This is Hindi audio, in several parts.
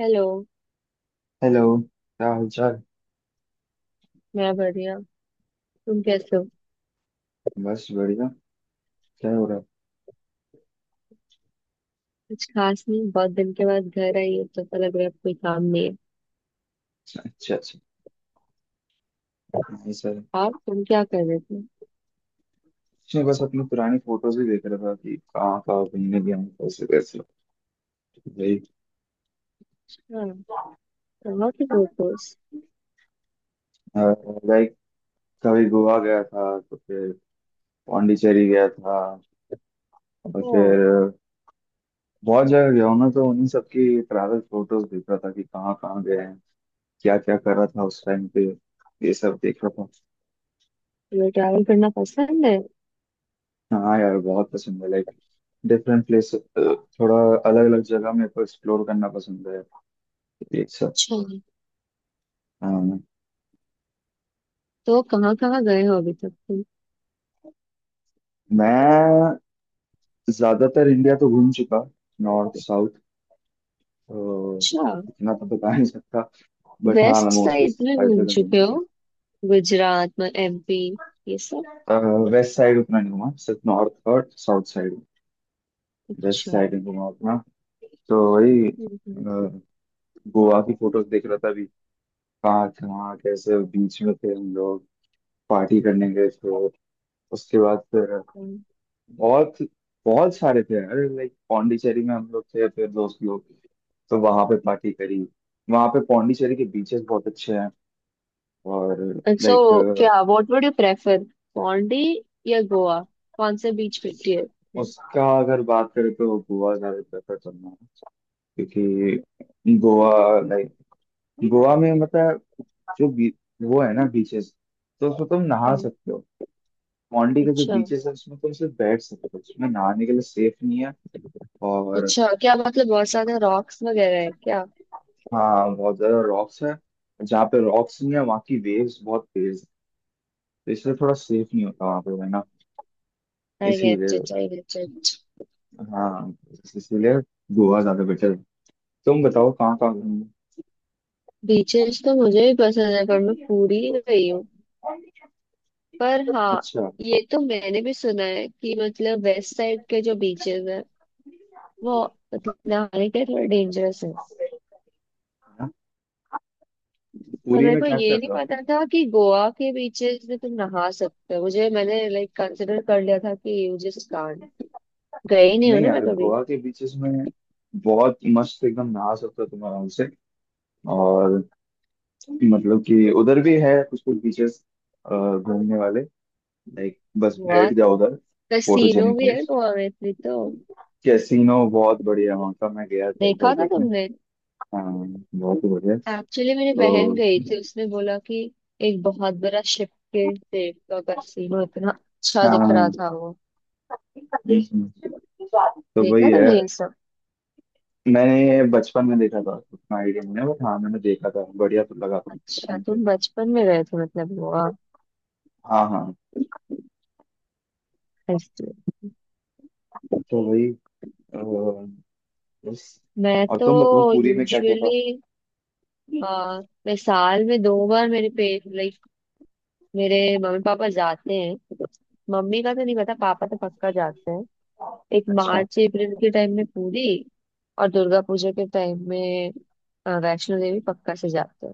हेलो। हेलो, क्या हालचाल। मैं बढ़िया। तुम कैसे हो? बस बढ़िया। क्या हो रहा है। कुछ खास नहीं, बहुत दिन के बाद घर आई हो तो पता लग रहा है अब कोई काम नहीं है। अच्छा अच्छा। नहीं सर। और तुम क्या कर रहे थे? कुछ नहीं, बस अपनी पुरानी फोटोज ही देख रहा था कि कहाँ कहाँ घूमने गया हूँ, कैसे कैसे भाई। हाँ। कहाँ की फोटोज? लाइक, कभी गोवा गया था, तो फिर पौंडीचेरी गया था, और हाँ। फिर बहुत जगह गया हूँ ना, तो उन्हीं सब की ट्रैवल फोटोज देख रहा था कि कहाँ कहाँ गए हैं, क्या क्या कर रहा था उस टाइम पे। ये सब देख रहा तुम्हें ट्रैवल करना पसंद है? था। हाँ यार, बहुत पसंद है। लाइक डिफरेंट प्लेस, थोड़ा अलग अलग जगह मेरे को एक्सप्लोर करना पसंद है। एक सर। अच्छा। हाँ। तो कहाँ कहाँ गए हो अभी तक तुम? मैं ज्यादातर इंडिया तो घूम चुका, नॉर्थ साउथ, तो अच्छा। इतना तो बता नहीं सकता। बट हाँ, मैं वेस्ट मोस्टली साइड में हर घूम जगह घूम चुके चुका। हो? गुजरात, में एमपी, ये सब? वेस्ट साइड उतना नहीं घूमा, सिर्फ नॉर्थ और साउथ साइड। वेस्ट अच्छा। साइड नहीं घूमा उतना। तो वही हम्म। गोवा की फोटोज देख रहा था अभी। कहाँ कहाँ कैसे बीच में थे हम लोग, पार्टी करने गए थे। उसके बाद फिर बहुत बहुत सारे थे यार। लाइक, पौंडीचेरी में हम लोग थे, फिर दोस्त लोग, तो वहां पे पार्टी करी। वहां पे पौंडीचेरी के बीचेस बहुत अच्छे हैं। और सो लाइक, क्या, what would you prefer, Pondy या गोवा? कौन से बीच पे टियर? उसका अगर बात करें तो गोवा ज्यादा प्रेफर करना है। क्योंकि गोवा, लाइक, गोवा में मतलब जो बी, वो है ना बीचेस, तो उसमें तुम नहा हाँ। सकते हो। पौंडी के जो अच्छा। बीचेस है उसमें तुम सिर्फ बैठ सकते हो, उसमें नहाने के लिए सेफ नहीं है। और अच्छा, क्या मतलब बहुत सारे रॉक्स वगैरह है क्या? हाँ, बहुत ज्यादा रॉक्स है। जहाँ पे रॉक्स नहीं है, वहाँ की वेव्स बहुत तेज है। तो इसलिए थोड़ा सेफ नहीं होता वहाँ पे रहना। आई इसीलिए get it, I get it. हाँ, इसीलिए गोवा ज्यादा बेटर है। तुम बताओ कहाँ कहाँ घूमे। बीचेस तो मुझे भी पसंद है, पर मैं पूरी ही गई हूँ। पर हाँ, अच्छा। ये तो मैंने भी सुना है कि मतलब वेस्ट साइड के जो बीचेस है, वो मतलब नहाने के थोड़े डेंजरस है। हाँ, पर पुरी मेरे में को क्या ये क्या नहीं था। पता था कि गोवा के बीचेस में तुम नहा सकते हो। मुझे मैंने लाइक कंसिडर कर लिया था कि यू जस्ट कांट। गई नहीं हो नहीं ना मैं यार, कभी। गोवा के बीचेस में बहुत मस्त एकदम नहा सकते हो तुम आराम से। और मतलब कि उधर भी है कुछ कुछ बीचेस घूमने वाले। लाइक, बस गोवा बैठ तो- जाओ उधर, कैसीनो फोटोजेनिक भी है। है गोवा में इतनी तो। कैसीनो बहुत बढ़िया वहाँ का, मैं गया था एक बार देखा था देखने। तुमने? हाँ, बहुत ही बढ़िया। एक्चुअली मेरी तो बहन गई थी, उसने बोला कि एक बहुत बड़ा शिप के सेब का कैसीनो इतना अच्छा दिख रहा हाँ, था वो। तो वही देखा है। तुमने ये सब? मैंने ये बचपन में देखा था, उतना आइडिया नहीं है, बट हाँ मैंने देखा था, बढ़िया तो लगा था उस अच्छा, टाइम पे। तुम बचपन में गए थे मतलब गोवा, हाँ हाँ। इसलिए। तो वही अ, बस। मैं और तो तुम बताओ, पूरी में क्या क्या था। यूजुअली, मैं साल में 2 बार मेरे पे लाइक मेरे मम्मी पापा जाते हैं। मम्मी का तो नहीं पता, पापा तो पक्का जाते हैं। एक अच्छा मार्च अप्रैल के टाइम में पुरी, और दुर्गा पूजा के टाइम में वैष्णो देवी पक्का से जाते हैं।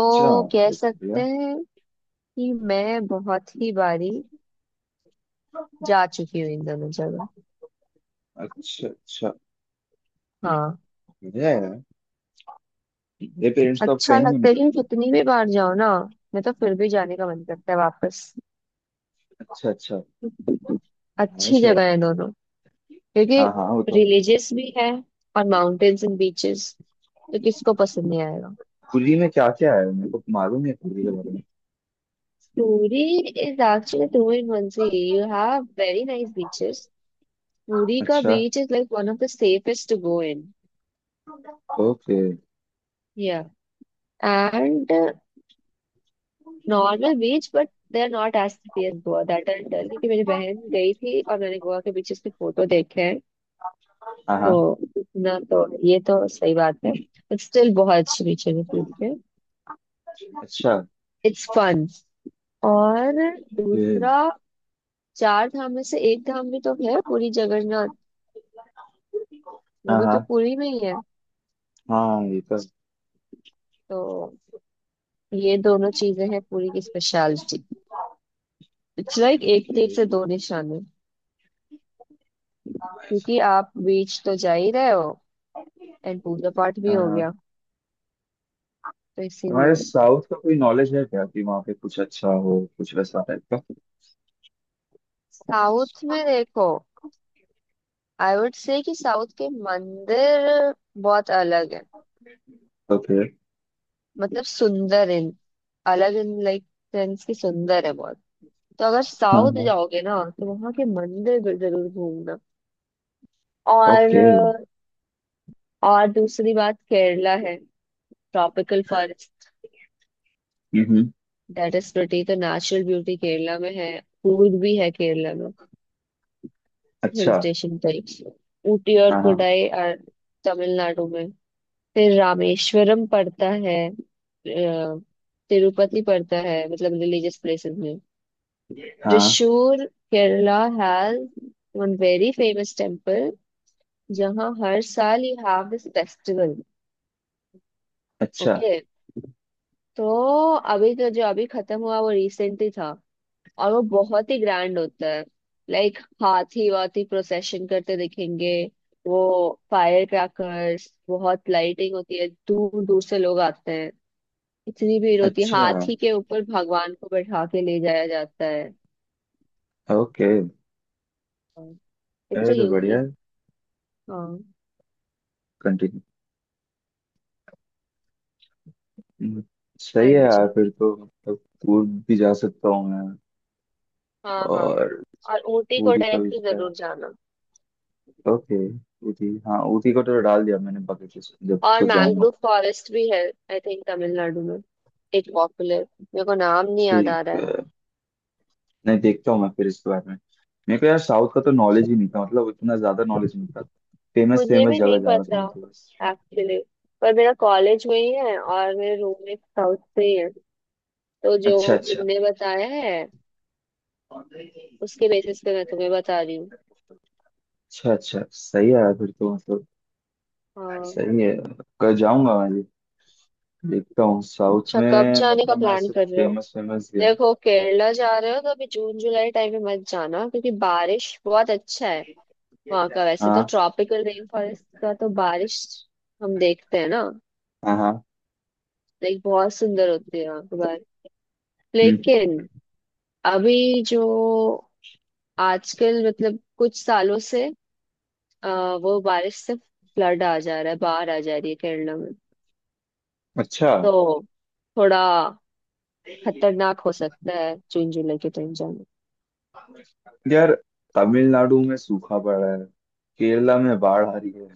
अच्छा। कह ये तो सकते बढ़िया। हैं कि मैं बहुत ही बारी जा चुकी हूँ इन दोनों जगह। अच्छा अच्छा। हाँ। बढ़िया है यार। मेरे पेरेंट्स तो अब अच्छा कहीं नहीं लगता है लेकिन निकलते। कितनी भी बार जाओ ना, मैं तो फिर भी जाने का मन करता है वापस। अच्छा अच्छा। अच्छी नाइस है। जगह है दोनों। क्योंकि हाँ हाँ, वो तो है। रिलीजियस भी है, और माउंटेन्स एंड बीचेस, तो किसको पसंद नहीं आएगा। पूरी में क्या क्या है मेरे को मालूम है, पूरी के बारे में। Puri is actually two in one. See, you have very nice beaches. Puri का अच्छा। Beach is like one of the safest to go in, okay. या and normal beach but they are not as pretty as Goa, that I tell, क्योंकि मेरी बहन गई थी और मैंने गोवा के बीचेस के फोटो देखे हैं। हाँ हाँ। तो इतना तो, ये तो सही बात है, बट स्टिल बहुत अच्छी बीचेस है पूरी के। अच्छा। It's fun. और ओके। दूसरा, चार धाम में से एक धाम भी तो है, पूरी जगन्नाथ, वो हाँ भी तो हाँ। पुरी में ही है। हाँ, ये तो। तो ये दोनों चीजें हैं पुरी की स्पेशलिटी। इट्स लाइक एक ओके। तीर से दो निशाने, क्योंकि आप बीच तो जा ही रहे हो, एंड पूजा पाठ भी हाँ हो हाँ। गया, तो तुम्हारे इसीलिए। साउथ का कोई नॉलेज है क्या, कि वहाँ पे कुछ अच्छा हो कुछ वैसा टाइप का। साउथ में देखो, आई वुड से कि साउथ के मंदिर बहुत अलग है। ओके। मतलब सुंदर इन, अलग इन, लाइक सेंस की, सुंदर है बहुत। तो अगर हाँ साउथ हाँ। जाओगे ना तो वहां के मंदिर भी जरूर घूमना। ओके। और और दूसरी बात, केरला है, tropical forest, hmm. That is pretty. तो नेचुरल ब्यूटी केरला में है, फूड भी है केरला में। हिल अच्छा। स्टेशन टाइप्स, ऊटी और हाँ हाँ कोडाई और तमिलनाडु में, फिर रामेश्वरम पड़ता है, तिरुपति पड़ता है, मतलब रिलीजियस प्लेसेस में। हाँ। Thrissur, Kerala has one very famous temple, जहाँ हर साल यू हैव दिस फेस्टिवल। अच्छा ओके, तो अभी तो, जो अभी खत्म हुआ वो रिसेंटली था, और वो बहुत ही ग्रैंड होता है। लाइक हाथी वाथी प्रोसेशन करते दिखेंगे, वो फायर क्रैकर्स, बहुत लाइटिंग होती है, दूर दूर से लोग आते हैं, इतनी भीड़ होती है, अच्छा। हाथी के ऊपर भगवान को बैठा के ले जाया जाता है। ओके। हाँ। इट्स अ अरे तो बढ़िया यूनिक। है। हाँ। कंटिन्यू। सही हाँ है जी। यार, फिर तो मतलब दूर भी जा सकता हूँ मैं। हाँ। हाँ, और और ऊटी को पूरी का भी डायरेक्टली जितना। जरूर जाना। ओके। पूरी, हाँ पूरी को तो डाल दिया मैंने बकेट लिस्ट में, जब और तो जाऊंगा। मैंग्रोव फॉरेस्ट भी है, आई थिंक तमिलनाडु में, एक पॉपुलर, मेरे को नाम नहीं याद आ ठीक रहा है। है, नहीं देखता हूँ मैं फिर इसके बारे में। मेरे को यार साउथ का तो नॉलेज ही नहीं था, मतलब इतना ज्यादा नॉलेज नहीं था। फेमस मुझे फेमस भी जगह नहीं जा रखा पता हूँ, तो बस। एक्चुअली, पर मेरा कॉलेज में ही है और मेरे रूममेट साउथ से ही है, तो जो अच्छा अच्छा। उनने बताया है अच्छा। उसके बेसिस पे मैं तुम्हें बता रही हूँ। अच्छा सही है यार, फिर तो मतलब हाँ। सही है, कल जाऊंगा मैं भी। देखता हूँ साउथ अच्छा, कब में, जाने का मतलब मैं प्लान सिर्फ कर रहे हो? फेमस फेमस गया हूँ। देखो, केरला जा रहे हो तो अभी जून जुलाई टाइम में मत जाना, क्योंकि बारिश बहुत अच्छा है वहां का। वैसे तो हाँ ट्रॉपिकल रेन फॉरेस्ट का तो बारिश हम देखते हैं ना, हाँ हाँ। लाइक बहुत सुंदर होती है वहां की बारिश, हम्म। लेकिन अभी जो आजकल, मतलब कुछ सालों से, वो बारिश से फ्लड आ जा रहा है, बाढ़ आ जा रही है केरला में। अच्छा। तो थोड़ा खतरनाक हो सकता है जून जुलाई के टाइम जाना। यार तमिलनाडु में सूखा पड़ा है, केरला में बाढ़ आ रही है।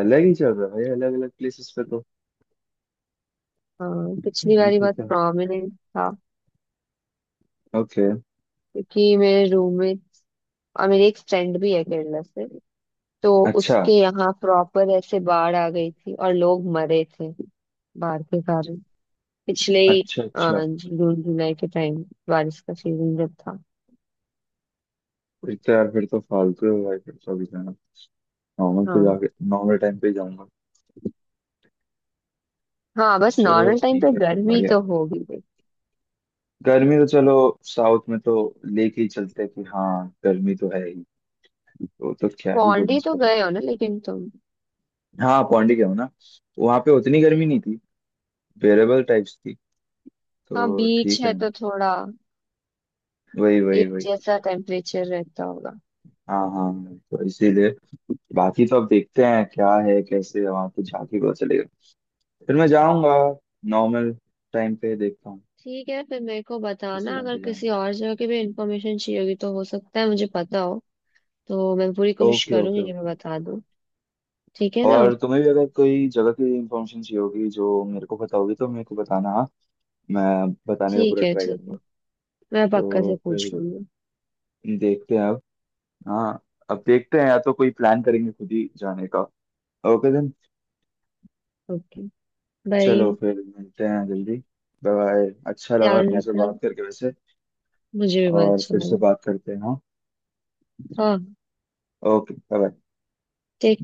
अलग ही चल रहा है भाई, अलग अलग प्लेसेस पे तो। हाँ पिछली बारी ठीक बहुत है। प्रोमिनेंट था, ओके। क्योंकि मेरे रूममेट और मेरी एक फ्रेंड भी है केरला से, तो अच्छा उसके यहाँ प्रॉपर ऐसे बाढ़ आ गई थी और लोग मरे थे, बाढ़ के कारण, पिछले ही अच्छा। अ, अच्छा। जून जुलाई के टाइम, बारिश का सीजन जब था। फिर तो यार, फिर तो फालतू है भाई, फिर तो अभी जाना। नॉर्मल पे हाँ। जाके, नॉर्मल टाइम पे ही जाऊंगा। हाँ बस चलो नॉर्मल टाइम पे ठीक है फिर, गर्मी बढ़िया। तो होगी भाई। गर्मी तो चलो, साउथ में तो लेके ही चलते हैं कि हाँ, गर्मी तो है ही, तो क्या ही बोलें पौंडी तो उसको तो। गए हो ना लेकिन तुम? हाँ पौंडीचेरी ना, वहाँ पे उतनी गर्मी नहीं थी, बेरेबल टाइप्स थी, हाँ, तो बीच ठीक है। है तो थोड़ा वही वही एक वही। जैसा टेम्परेचर रहता होगा। हाँ हाँ, तो इसीलिए बाकी तो अब देखते हैं क्या है कैसे है, वहाँ पे जाके पता चलेगा। फिर मैं जाऊंगा नॉर्मल टाइम पे, ठीक है। देखता हूँ ठीक है फिर, मेरे को किस बताना टाइम अगर पे किसी जाऊंगा। और जगह की भी इंफॉर्मेशन चाहिए होगी, तो हो सकता है मुझे पता हो, तो मैं पूरी कोशिश ओके ओके करूंगी कि मैं ओके। बता दूं। ठीक है ना? और तुम्हें भी अगर कोई जगह की इंफॉर्मेशन चाहिए होगी जो मेरे को पता होगी, तो मेरे को बताना हाँ, मैं बताने का ठीक पूरा है, ट्राई ठीक करूंगा। है, मैं पक्का तो से फिर पूछ लूंगी। देखते हैं अब। हाँ, अब देखते हैं, या तो कोई प्लान करेंगे खुद ही जाने का। Okay then. ओके। बाय। चलो फिर मिलते हैं जल्दी। Bye bye. अच्छा लगा ध्यान तुमसे रखना। बात करके वैसे, मुझे भी बहुत और अच्छा फिर से लगा। बात करते हैं हाँ। हाँ ओके बाय। take